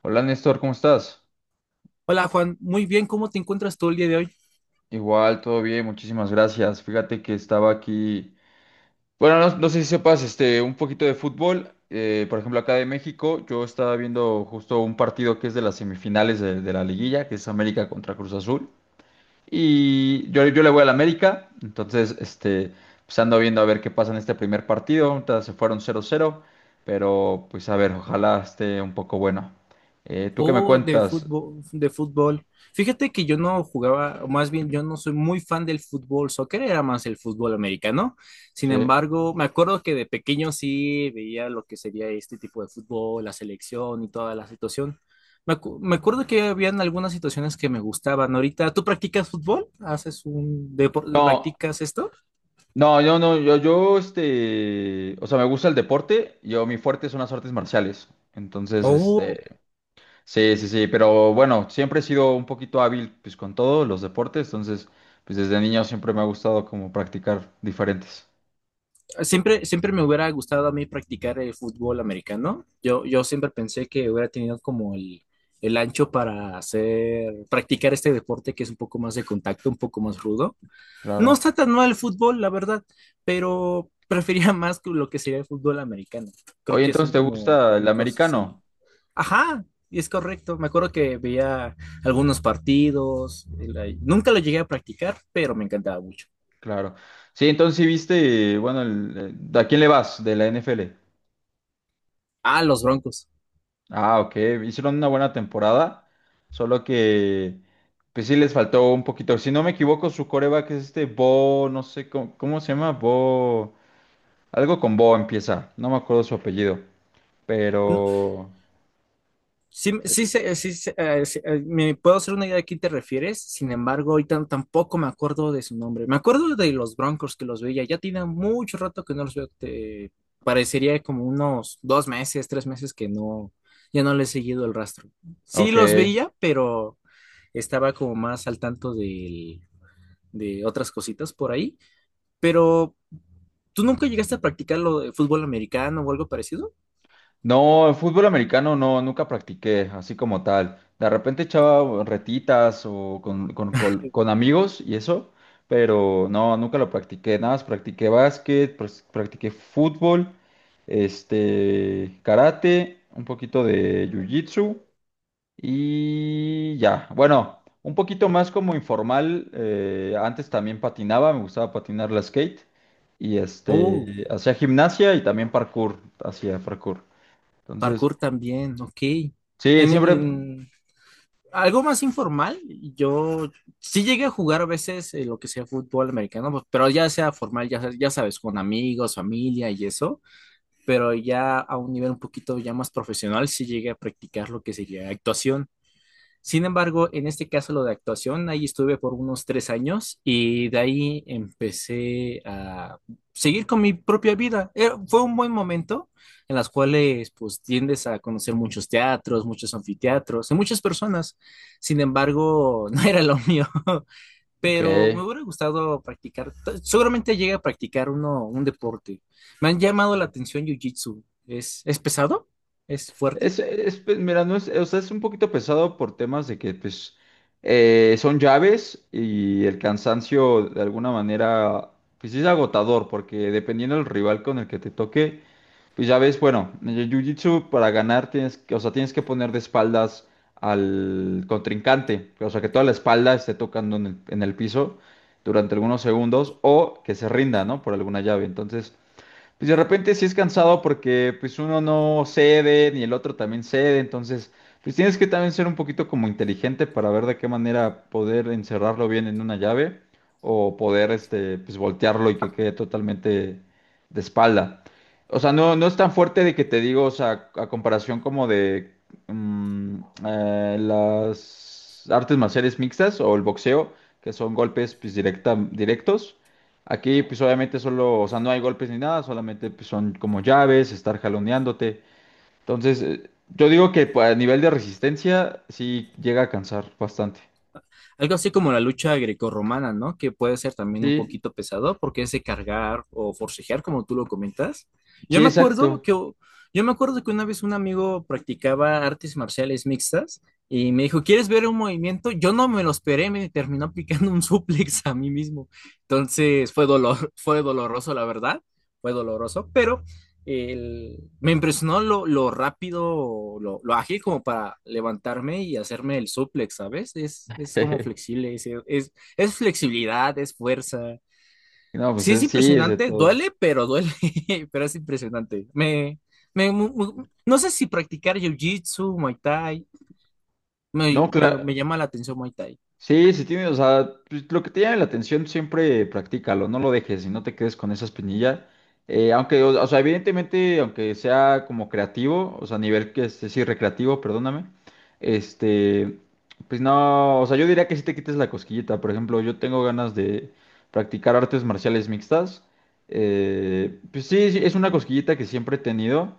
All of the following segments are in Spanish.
Hola Néstor, ¿cómo estás? Hola Juan, muy bien, ¿cómo te encuentras tú el día de hoy? Igual, todo bien, muchísimas gracias. Fíjate que estaba aquí. Bueno, no, no sé si sepas, un poquito de fútbol. Por ejemplo, acá de México, yo estaba viendo justo un partido que es de las semifinales de la liguilla, que es América contra Cruz Azul. Y yo le voy al América, entonces, pues ando viendo a ver qué pasa en este primer partido. Ahorita se fueron 0-0, pero pues a ver, ojalá esté un poco bueno. ¿tú qué me Oh, de cuentas? fútbol, de fútbol. Fíjate que yo no jugaba, o más bien yo no soy muy fan del fútbol soccer, era más el fútbol americano. Sin Sí. embargo, me acuerdo que de pequeño sí veía lo que sería este tipo de fútbol, la selección y toda la situación. Me acuerdo que habían algunas situaciones que me gustaban. Ahorita, ¿tú practicas fútbol? ¿Haces un deporte? No. ¿Practicas esto? No, yo no, o sea, me gusta el deporte, yo, mi fuerte son las artes marciales, entonces, Oh, sí, sí, sí, pero bueno, siempre he sido un poquito hábil, pues, con todos los deportes, entonces, pues, desde niño siempre me ha gustado como practicar diferentes, Siempre me hubiera gustado a mí practicar el fútbol americano. Yo siempre pensé que hubiera tenido como el ancho para hacer, practicar este deporte que es un poco más de contacto, un poco más rudo. No claro. está tan mal el fútbol, la verdad, pero prefería más que lo que sería el fútbol americano. Creo Oye, que son entonces, ¿te como gusta el cosas así. americano? Ajá, y es correcto. Me acuerdo que veía algunos partidos. Nunca lo llegué a practicar, pero me encantaba mucho. Claro. Sí, entonces, sí viste, bueno, ¿a quién le vas de la NFL? Ah, los Broncos. Ah, ok. Hicieron una buena temporada, solo que pues sí les faltó un poquito. Si no me equivoco, su coreback es este Bo, no sé cómo se llama, Bo, algo con Bo empieza, no me acuerdo su apellido, pero Sí, sí, me puedo hacer una idea de quién te refieres. Sin embargo, ahorita no, tampoco me acuerdo de su nombre. Me acuerdo de los Broncos que los veía, ya tiene mucho rato que no los veo, parecería como unos 2 meses, 3 meses que no, ya no le he seguido el rastro. Sí ok. los veía, pero estaba como más al tanto de otras cositas por ahí, pero ¿tú nunca llegaste a practicar lo de fútbol americano o algo parecido? No, fútbol americano no, nunca practiqué así como tal. De repente echaba retitas o con amigos y eso, pero no, nunca lo practiqué. Nada más practiqué básquet, practiqué fútbol, karate, un poquito de jiu-jitsu y ya. Bueno, un poquito más como informal. Antes también patinaba, me gustaba patinar la skate y Oh, hacía gimnasia y también parkour, hacía parkour. Entonces… parkour también, ok. Sí, En, siempre. en, algo más informal, yo sí llegué a jugar a veces lo que sea fútbol americano, pues, pero ya sea formal, ya, ya sabes, con amigos, familia y eso, pero ya a un nivel un poquito ya más profesional, sí llegué a practicar lo que sería actuación. Sin embargo, en este caso lo de actuación, ahí estuve por unos 3 años y de ahí empecé a seguir con mi propia vida. Fue un buen momento en las cuales pues tiendes a conocer muchos teatros, muchos anfiteatros y muchas personas. Sin embargo, no era lo mío, Ok. pero me hubiera gustado practicar. Seguramente llegué a practicar uno, un deporte. Me han llamado la Sí. atención Jiu-Jitsu. Es pesado? ¿Es fuerte? Pues, mira, no es, o sea, es un poquito pesado por temas de que, pues, son llaves y el cansancio de alguna manera, pues sí es agotador, porque dependiendo del rival con el que te toque, pues ya ves, bueno, en el Jiu-Jitsu para ganar tienes que, o sea, tienes que poner de espaldas al contrincante, o sea, que toda la espalda esté tocando en el piso durante algunos segundos o que se rinda, ¿no? Por alguna llave. Entonces, pues de repente sí es cansado porque pues uno no cede ni el otro también cede, entonces pues tienes que también ser un poquito como inteligente para ver de qué manera poder encerrarlo bien en una llave o poder este pues voltearlo y que quede totalmente de espalda. O sea, no, no es tan fuerte de que te digo, o sea, a comparación como de mm, las artes marciales mixtas o el boxeo, que son golpes pues, directos. Aquí, pues obviamente solo, o sea, no hay golpes ni nada, solamente pues, son como llaves, estar jaloneándote. Entonces, yo digo que pues, a nivel de resistencia sí llega a cansar bastante. Algo así como la lucha grecorromana, ¿no? Que puede ser también un Sí, poquito pesado porque es de cargar o forcejear, como tú lo comentas. Yo sí, me acuerdo exacto. que, yo me acuerdo que una vez un amigo practicaba artes marciales mixtas y me dijo, ¿quieres ver un movimiento? Yo no me lo esperé, me terminó aplicando un suplex a mí mismo. Entonces fue dolor, fue doloroso, la verdad, fue doloroso, pero me impresionó lo rápido, ágil, como para levantarme y hacerme el suplex, ¿sabes? Es como flexible, es flexibilidad, es fuerza. No, pues Sí es sí, es de impresionante, todo. duele, pero duele, pero es impresionante. Me, me, no sé si practicar jiu-jitsu, Muay Thai, No, claro. me llama la atención Muay Thai. Sí, si tienes, o sea, pues, lo que te llame la atención, siempre practícalo, no lo dejes y no te quedes con esa espinilla. Aunque, o sea, evidentemente, aunque sea como creativo, o sea, a nivel que este, sí, recreativo, perdóname, este, pues no, o sea, yo diría que sí te quites la cosquillita. Por ejemplo, yo tengo ganas de practicar artes marciales mixtas. Pues sí, sí, es una cosquillita que siempre he tenido.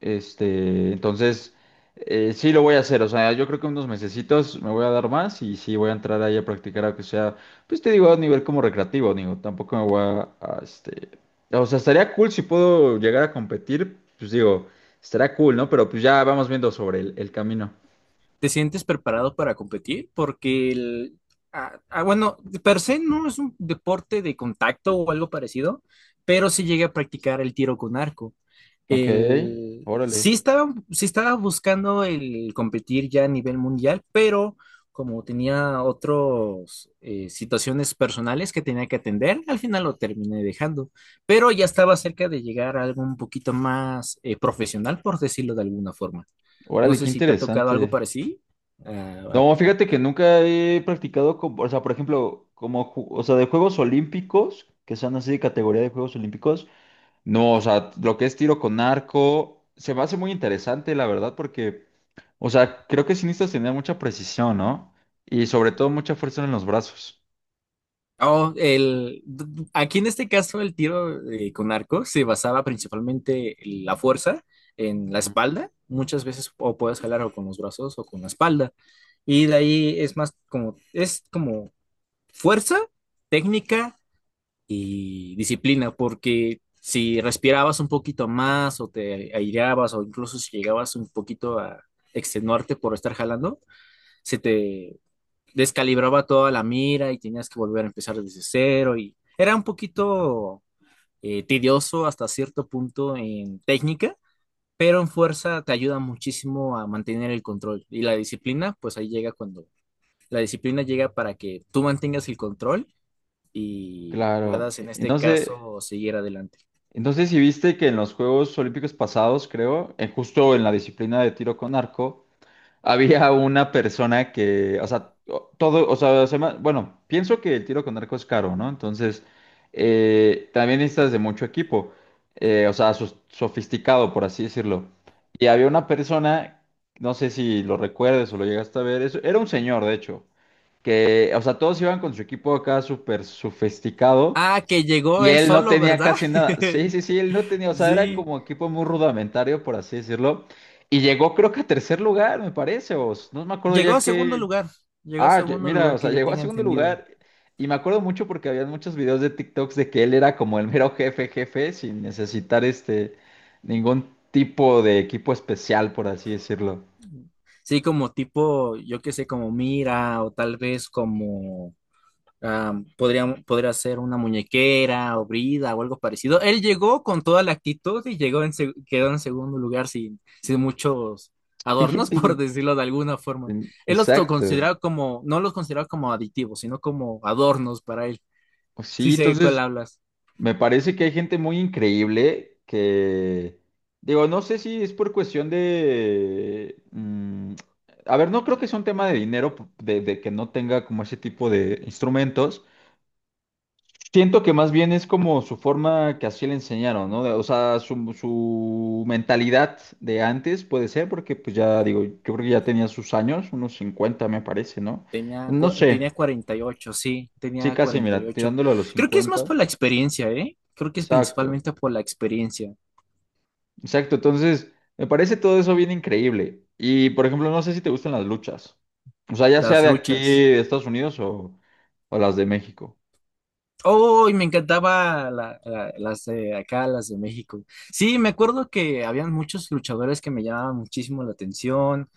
Este, entonces, sí lo voy a hacer. O sea, yo creo que unos mesecitos me voy a dar más y sí voy a entrar ahí a practicar, aunque sea, pues te digo, a nivel como recreativo, digo, tampoco me voy o sea, estaría cool si puedo llegar a competir, pues digo, estaría cool, ¿no? Pero pues ya vamos viendo sobre el camino. ¿Te sientes preparado para competir? Porque bueno, de per se no es un deporte de contacto o algo parecido, pero sí llegué a practicar el tiro con arco. Ok, órale, Sí estaba buscando el competir ya a nivel mundial, pero como tenía otras situaciones personales que tenía que atender, al final lo terminé dejando. Pero ya estaba cerca de llegar a algo un poquito más profesional, por decirlo de alguna forma. No órale, qué sé si te ha tocado algo interesante. parecido. Ah, No, fíjate que nunca he practicado, o sea, por ejemplo, como, o sea, de Juegos Olímpicos, que son así de categoría de Juegos Olímpicos. No, o sea, lo que es tiro con arco, se me hace muy interesante, la verdad, porque, o sea, creo que sí necesitas tener mucha precisión, ¿no? Y sobre todo mucha fuerza en los brazos. Oh, aquí en este caso el tiro con arco se basaba principalmente en la fuerza en la Ujú. espalda. Muchas veces o puedes jalar o con los brazos o con la espalda. Y de ahí es más como, es como fuerza, técnica y disciplina, porque si respirabas un poquito más o te aireabas o incluso si llegabas un poquito a extenuarte por estar jalando, se te descalibraba toda la mira y tenías que volver a empezar desde cero y era un poquito tedioso hasta cierto punto en técnica, pero en fuerza te ayuda muchísimo a mantener el control y la disciplina, pues ahí llega cuando la disciplina llega para que tú mantengas el control y Claro. puedas en este Entonces, caso seguir adelante. entonces si viste que en los Juegos Olímpicos pasados, creo, justo en la disciplina de tiro con arco, había una persona que, o sea, todo, o sea, bueno, pienso que el tiro con arco es caro, ¿no? Entonces, también necesitas de mucho equipo, o sea, sofisticado, por así decirlo. Y había una persona, no sé si lo recuerdes o lo llegaste a ver, eso, era un señor, de hecho, que, o sea, todos iban con su equipo acá súper sofisticado Ah, que llegó y él él no solo, tenía ¿verdad? casi nada. Sí, sí, sí, él no tenía, o sea, era Sí, como equipo muy rudimentario, por así decirlo. Y llegó creo que a tercer lugar, me parece, no me acuerdo llegó a ya segundo que… lugar, llegó a Ah, segundo mira, o lugar sea, que yo llegó a tenga segundo entendido. lugar. Y me acuerdo mucho porque había muchos videos de TikToks de que él era como el mero jefe, jefe, sin necesitar este ningún tipo de equipo especial, por así decirlo. Sí, como tipo, yo qué sé, como mira, o tal vez como podría ser una muñequera o brida o algo parecido. Él llegó con toda la actitud y llegó quedó en segundo lugar sin muchos Sí, sí, adornos, por sí, decirlo de alguna forma. Él exacto. consideraba como, no los consideraba como aditivos, sino como adornos para él. Sí Sí, sé de cuál entonces… hablas. Me parece que hay gente muy increíble que, digo, no sé si es por cuestión de… a ver, no creo que sea un tema de dinero, de que no tenga como ese tipo de instrumentos. Siento que más bien es como su forma que así le enseñaron, ¿no? O sea, su mentalidad de antes puede ser, porque pues ya digo, yo creo que ya tenía sus años, unos 50 me parece, ¿no? No sé, Tenía 48, sí, sí, tenía casi, cuarenta y mira, ocho tirándolo a los Creo que es más 50. por la experiencia, ¿eh? Creo que es Exacto. principalmente por la experiencia. Exacto, entonces me parece todo eso bien increíble. Y por ejemplo, no sé si te gustan las luchas. O sea, ya sea Las de aquí, luchas. de Estados Unidos o las de México. ¡Oh! Y me encantaba las de acá, las de México. Sí, me acuerdo que habían muchos luchadores que me llamaban muchísimo la atención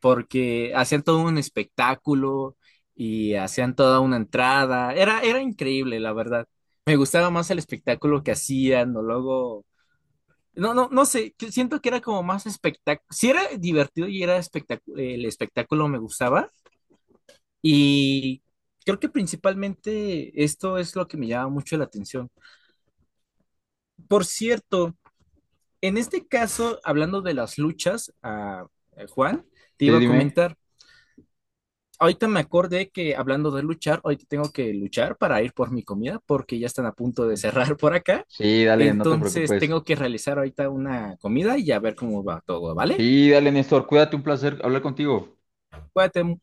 porque hacían todo un espectáculo y hacían toda una entrada. Era increíble, la verdad. Me gustaba más el espectáculo que hacían o luego... No, no, no sé, que siento que era como más espectáculo. Sí era divertido y era espectáculo, el espectáculo me gustaba. Y creo que principalmente esto es lo que me llama mucho la atención. Por cierto, en este caso, hablando de las luchas, ah, Juan, te Sí, iba a dime. comentar. Ahorita me acordé que, hablando de luchar, ahorita tengo que luchar para ir por mi comida porque ya están a punto de cerrar por acá. Sí, dale, no te Entonces preocupes. tengo que realizar ahorita una comida y a ver cómo va todo, ¿vale? Sí, dale, Néstor, cuídate, un placer hablar contigo. Cuídate,